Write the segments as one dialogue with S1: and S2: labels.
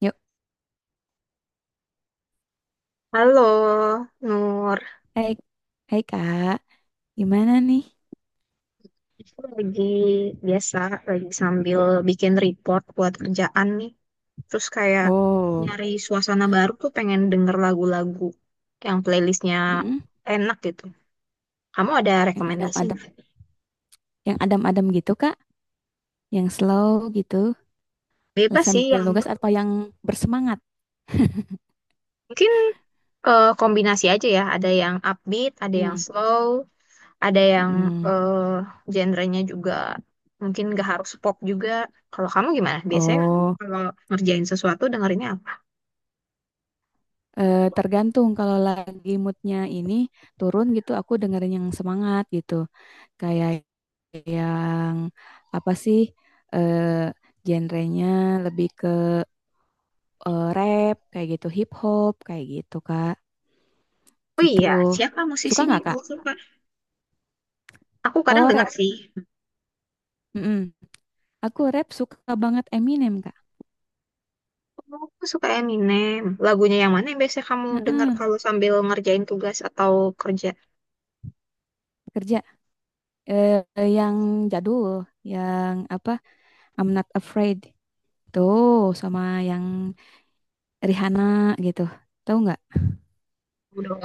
S1: Yuk,
S2: Halo, Nur.
S1: hai, hai kak, gimana nih?
S2: Aku lagi biasa, lagi sambil bikin report buat kerjaan nih. Terus kayak
S1: Oh,
S2: nyari suasana baru tuh pengen denger lagu-lagu yang playlistnya
S1: mm,
S2: enak gitu. Kamu ada
S1: yang
S2: rekomendasi nggak?
S1: yang adem-adem gitu kak, yang slow gitu,
S2: Bebas sih
S1: sambil
S2: yang
S1: nugas apa yang bersemangat?
S2: mungkin kombinasi aja ya. Ada yang upbeat, ada yang
S1: Mm,
S2: slow, ada yang
S1: mm-mm.
S2: eh genrenya juga mungkin nggak harus pop juga. Kalau kamu gimana? Biasanya
S1: Oh,
S2: kalau ngerjain sesuatu dengerinnya apa?
S1: tergantung kalau lagi moodnya ini turun gitu, aku dengerin yang semangat gitu, kayak yang apa sih, eh, genrenya lebih ke, rap kayak gitu, hip hop kayak gitu kak.
S2: Oh
S1: Gitu.
S2: iya, siapa
S1: Suka
S2: musisinya
S1: nggak,
S2: yang
S1: Kak?
S2: kamu suka? Aku kadang
S1: Kalau
S2: dengar
S1: rap?
S2: sih.
S1: Mm-mm. Aku rap suka banget Eminem, Kak.
S2: Oh, aku suka Eminem. Lagunya yang mana yang biasanya kamu dengar
S1: Heeh.
S2: kalau sambil ngerjain tugas atau kerja?
S1: Kerja. Eh, yang jadul. Yang apa? I'm Not Afraid. Tuh, sama yang Rihanna gitu. Tahu nggak?
S2: Udah.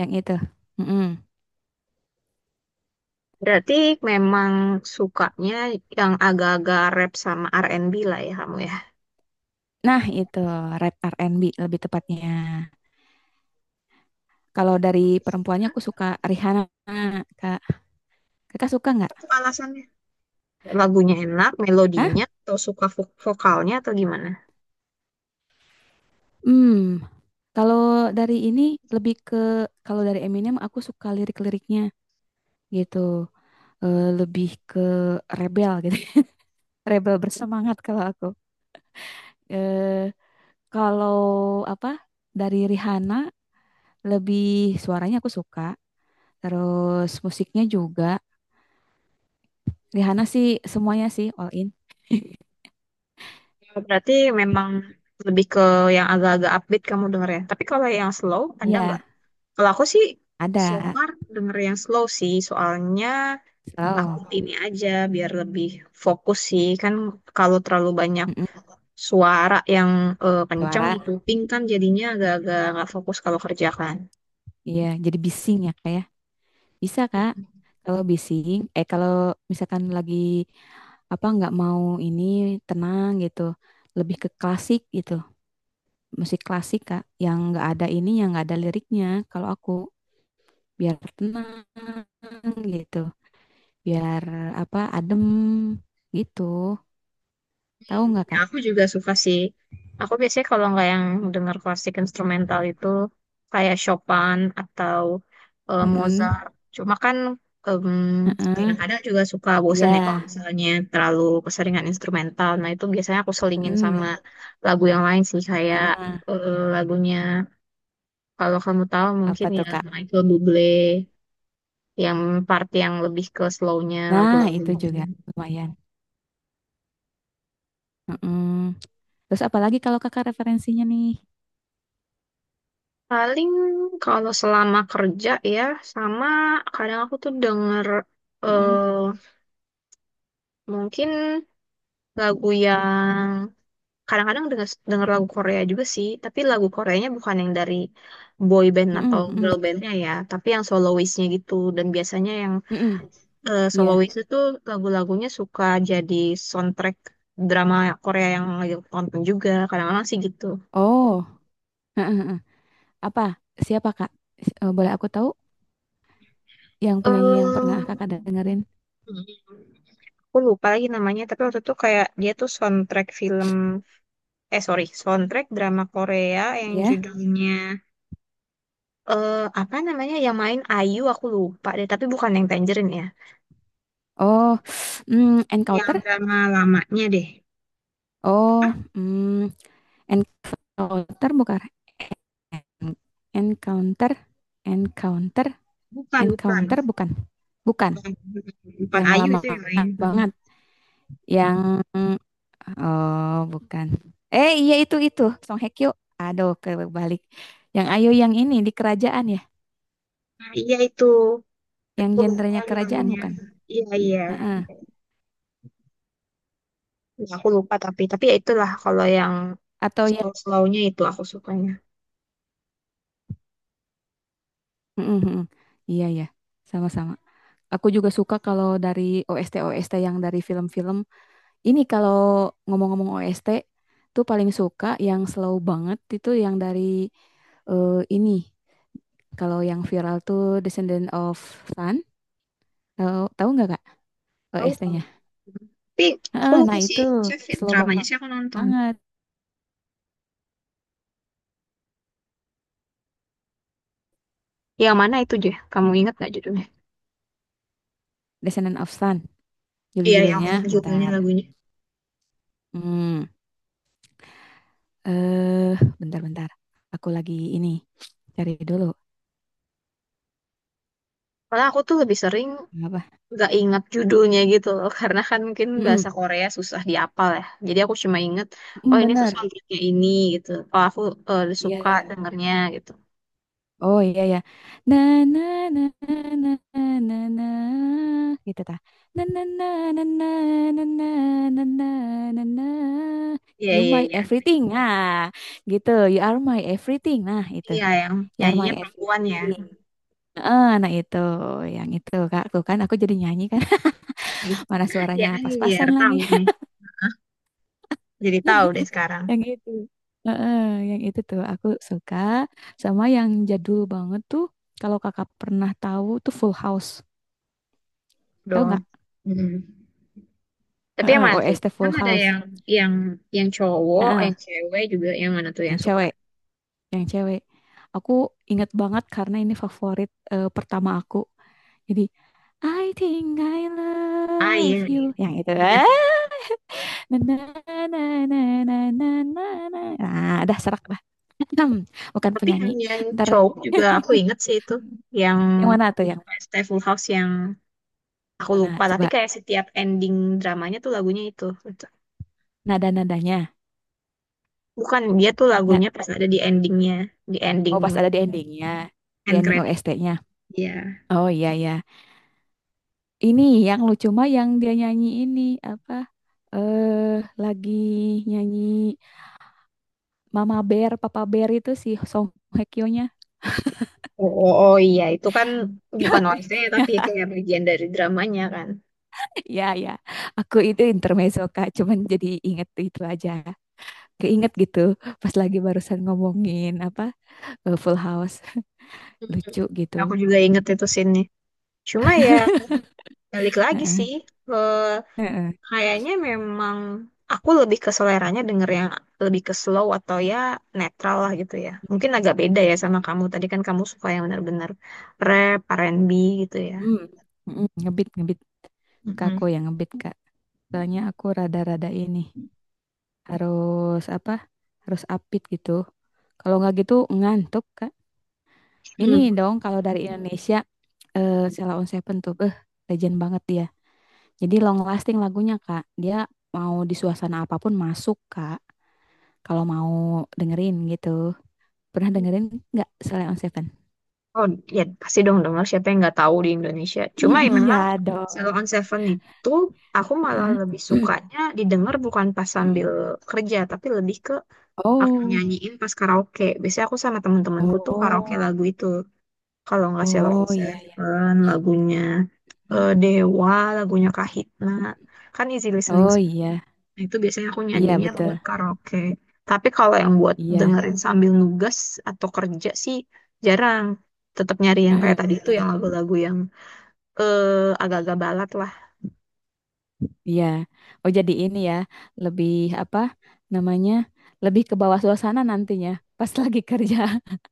S1: Yang itu. Mm-mm.
S2: Berarti memang sukanya yang agak-agak rap sama R&B lah ya kamu ya.
S1: Nah, itu rap R&B lebih tepatnya. Kalau dari perempuannya aku suka Rihanna, Kak. Kakak suka
S2: Apa
S1: nggak?
S2: tuh alasannya? Lagunya enak,
S1: Hah?
S2: melodinya, atau suka vokalnya atau gimana?
S1: Hmm. Kalau dari ini lebih ke kalau dari Eminem aku suka lirik-liriknya. Gitu. Lebih ke rebel gitu, rebel bersemangat kalau aku, eh kalau apa, dari Rihanna lebih suaranya aku suka, terus musiknya juga. Rihanna sih semuanya sih all in.
S2: Ya, berarti memang lebih ke yang agak-agak upbeat kamu denger ya. Tapi kalau yang slow, ada nggak?
S1: Iya
S2: Kalau aku sih so
S1: ada
S2: far denger yang slow sih, soalnya
S1: slow.
S2: takut ini aja biar lebih fokus sih. Kan kalau terlalu banyak
S1: Mm-mm.
S2: suara yang kenceng
S1: Suara
S2: di kuping kan jadinya agak-agak nggak fokus kalau kerja kan.
S1: iya jadi bising ya kayak bisa kak kalau bising, kalau misalkan lagi apa nggak mau ini tenang gitu, lebih ke klasik gitu, musik klasik Kak yang nggak ada ini yang nggak ada liriknya kalau aku biar tenang gitu biar apa adem gitu, tahu nggak
S2: Ya,
S1: Kak?
S2: aku juga suka sih. Aku biasanya kalau nggak yang dengar klasik instrumental itu kayak Chopin atau
S1: Mm-mm.
S2: Mozart. Cuma kan em,
S1: Heeh.
S2: kadang-kadang juga suka bosen ya kalau
S1: Ya.
S2: misalnya terlalu keseringan instrumental. Nah itu biasanya aku selingin sama
S1: Mm-mm.
S2: lagu yang lain sih kayak
S1: Heeh.
S2: lagunya kalau kamu tahu
S1: Apa
S2: mungkin ya
S1: tuh Kak?
S2: Michael Bublé yang part yang lebih ke slownya
S1: Nah itu
S2: lagu-lagunya.
S1: juga lumayan. Mm-mm. Terus apalagi kalau Kakak referensinya nih?
S2: Paling kalau selama kerja ya, sama kadang aku tuh denger
S1: Mm-mm.
S2: eh mungkin lagu yang kadang-kadang denger lagu Korea juga sih, tapi lagu Koreanya bukan yang dari boy band atau
S1: Mm-mm. Mm-mm.
S2: girl bandnya ya, tapi yang soloistnya gitu. Dan biasanya yang
S1: Mm-mm. Ya.
S2: soloist itu lagu-lagunya suka jadi soundtrack drama Korea yang lagi aku tonton juga, kadang-kadang sih gitu.
S1: Oh. Heeh, heeh. Apa? Siapa Kak? Boleh aku tahu yang
S2: eh
S1: penyanyi yang pernah Kakak dengerin?
S2: Aku lupa lagi namanya, tapi waktu itu kayak dia tuh soundtrack film, eh sorry, soundtrack drama Korea yang
S1: Ya.
S2: judulnya, eh apa namanya, yang main Ayu aku lupa deh, tapi bukan yang Tangerine ya.
S1: Oh,
S2: Yang
S1: encounter?
S2: drama lamanya deh.
S1: Oh, mm, encounter bukan? Encounter, encounter,
S2: Bukan, bukan,
S1: encounter bukan? Bukan.
S2: bukan, bukan,
S1: Yang
S2: Ayu
S1: lama
S2: itu yang main.
S1: banget. Yang, oh, bukan. Eh iya itu Song Hye Kyo. Aduh kebalik. Yang Ayo yang ini di kerajaan ya.
S2: Nah, iya itu,
S1: Yang
S2: aku lupa
S1: gendernya
S2: lagi
S1: kerajaan
S2: namanya.
S1: bukan?
S2: Iya, iya.
S1: Heeh.
S2: Ya, aku lupa tapi, ya itulah kalau yang
S1: Atau yang
S2: slow-slownya itu aku sukanya.
S1: Mm, mm, mm. Iya ya. Sama-sama. Aku juga suka kalau dari OST-OST yang dari film-film. Ini kalau ngomong-ngomong OST tuh paling suka yang slow banget itu yang dari, eh, ini. Kalau yang viral tuh Descendant of Sun. Tahu tahu nggak Kak
S2: Tahu tahu.
S1: OST-nya?
S2: Tapi aku
S1: Heeh,
S2: lupa
S1: nah
S2: sih,
S1: itu
S2: maksudnya
S1: slow
S2: dramanya sih aku nonton.
S1: banget
S2: Yang mana itu, Je? Kamu ingat gak judulnya?
S1: Descendant of Sun.
S2: Iya, yang
S1: Judul-judulnya
S2: judulnya
S1: bentar.
S2: lagunya.
S1: Hmm, eh bentar-bentar. Aku lagi ini cari dulu.
S2: Malah aku tuh lebih sering
S1: Apa?
S2: gak ingat judulnya gitu loh, karena kan mungkin
S1: Mm-mm.
S2: bahasa Korea susah dihafal ya. Jadi aku cuma inget, oh ini tuh
S1: Bener.
S2: soundtracknya ini gitu. Oh aku suka
S1: Iya,
S2: dengernya gitu.
S1: oh iya ya. Na na na na na na na gitu tah. Na na na na na na na na na na na.
S2: Iya,
S1: You
S2: iya,
S1: my
S2: iya.
S1: everything. Nah, gitu. You are my everything. Nah, itu.
S2: Iya, yang
S1: You are my
S2: nyanyinya perempuan ya.
S1: everything. Nah itu yang itu Kak. Tuh kan aku jadi nyanyi kan.
S2: Iya,
S1: Mana
S2: iya
S1: suaranya
S2: kan biar
S1: pas-pasan lagi.
S2: tahu nih. Jadi tahu deh sekarang
S1: Yang itu. Heeh, yang itu tuh aku suka sama yang jadul banget tuh. Kalau kakak pernah tahu tuh Full House. Tahu
S2: dong.
S1: nggak?
S2: Mm. Tapi yang
S1: Heeh,
S2: mana tuh?
S1: OST
S2: Kan
S1: Full
S2: ada
S1: House.
S2: yang yang yang cowok, yang
S1: Heeh,
S2: cewek juga yang mana tuh yang
S1: yang
S2: suka?
S1: cewek, yang cewek. Aku ingat banget karena ini favorit, pertama aku. Jadi I think I
S2: Ah iya,
S1: love
S2: iya.
S1: you. Yang itu.
S2: Ingat,
S1: Ah,
S2: ingat.
S1: na na na na na na na. Na. Nah, dah serak dah. Bukan
S2: Tapi
S1: penyanyi.
S2: yang,
S1: Ntar,
S2: cowok juga aku inget sih itu. Yang
S1: yang mana tuh yang
S2: Stay Full House yang aku
S1: mana?
S2: lupa. Tapi
S1: Coba
S2: kayak setiap ending dramanya tuh lagunya itu.
S1: nada-nadanya.
S2: Bukan, dia tuh
S1: Nah,
S2: lagunya pas ada di endingnya. Di ending
S1: oh pas ada di endingnya, di
S2: end
S1: ending
S2: credit.
S1: OST-nya.
S2: Iya.
S1: Oh iya iya. Ini yang lucu mah yang dia nyanyi ini apa? Lagi nyanyi Mama Bear, Papa Bear itu si Song Hye Kyo-nya.
S2: Oh, oh, oh, iya, itu kan bukan OST tapi kayak bagian dari dramanya kan.
S1: Ya ya, aku itu intermezzo Kak, cuman jadi inget itu aja. Keinget gitu pas lagi barusan ngomongin apa, Full House, lucu gitu.
S2: Aku juga inget itu scene-nya. Cuma ya balik lagi
S1: Heeh,
S2: sih.
S1: heeh.
S2: Kayaknya memang aku lebih ke seleranya denger yang lebih ke slow atau ya netral lah gitu ya. Mungkin agak beda ya sama kamu. Tadi kan kamu suka yang benar-benar rap, R&B gitu ya.
S1: Hmm, ngebit ngebit suka aku
S2: Mm-mm.
S1: yang ngebit Kak. Soalnya aku rada-rada ini. Harus apa harus apit gitu kalau nggak gitu ngantuk kak. Ini
S2: Hmm.
S1: dong kalau dari Indonesia, Sheila on Seven tuh, legend banget dia, jadi long lasting lagunya kak dia mau di suasana apapun masuk kak kalau mau dengerin gitu. Pernah dengerin nggak Sheila on Seven?
S2: Oh ya pasti dong denger siapa yang nggak tahu di Indonesia. Cuma ya memang
S1: Iya
S2: Zero
S1: dong.
S2: on Seven itu aku malah
S1: Heeh.
S2: lebih sukanya didengar bukan pas
S1: Heeh.
S2: sambil kerja tapi lebih ke aku
S1: Oh,
S2: nyanyiin pas karaoke. Biasanya aku sama temen-temenku tuh karaoke
S1: oh,
S2: lagu itu. Kalau nggak Sheila on
S1: oh, iya, iya.
S2: Seven, lagunya
S1: Hmm.
S2: Dewa, lagunya Kahitna. Kan easy listening
S1: Oh
S2: semua.
S1: iya
S2: Nah, itu biasanya aku
S1: iya
S2: nyanyinya buat
S1: betul
S2: karaoke. Tapi kalau yang buat
S1: iya.
S2: dengerin sambil nugas atau kerja sih jarang. Tetap nyari yang kayak
S1: Heeh.
S2: tadi itu yang lagu-lagu yang agak-agak balad lah.
S1: Iya. Oh jadi ini ya, lebih apa namanya? Lebih ke bawah suasana nantinya. Pas lagi kerja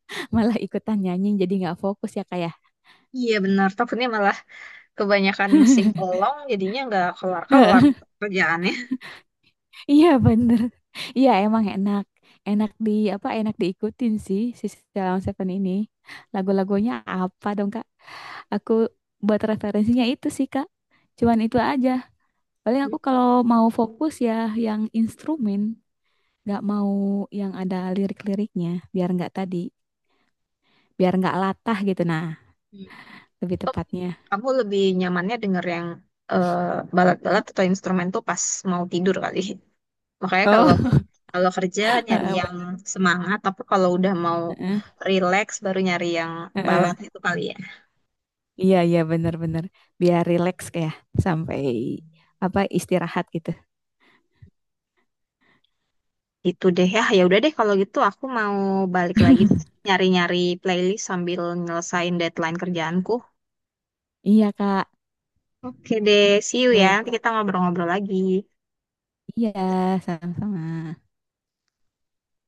S1: malah ikutan nyanyi jadi nggak fokus ya kayak.
S2: Iya benar, takutnya malah kebanyakan sing along jadinya nggak kelar-kelar kerjaannya.
S1: Iya bener. Iya emang enak. Enak di apa? Enak diikutin sih si Salon Seven ini. Lagu-lagunya apa dong Kak? Aku buat referensinya itu sih Kak. Cuman itu aja. Paling aku kalau mau fokus ya yang instrumen, nggak mau yang ada lirik-liriknya biar nggak tadi. Biar nggak latah gitu. Nah, lebih
S2: Atau
S1: tepatnya.
S2: aku lebih nyamannya denger yang balat-balat atau instrumen tuh pas mau tidur kali. Makanya kalau
S1: Oh,
S2: kalau kerja nyari
S1: heeh,
S2: yang
S1: Pak.
S2: semangat, tapi kalau udah mau
S1: Heeh,
S2: relax baru nyari yang balat
S1: heeh.
S2: itu kali ya.
S1: Iya, iya benar-benar. Biar rileks kayak sampai apa istirahat gitu.
S2: Itu deh ya. Ya udah deh kalau gitu aku mau balik lagi nyari-nyari playlist sambil nyelesain deadline kerjaanku.
S1: Iya, Kak.
S2: Oke deh, see you ya.
S1: Boleh,
S2: Nanti
S1: Kak.
S2: kita ngobrol-ngobrol lagi.
S1: Iya, sama-sama.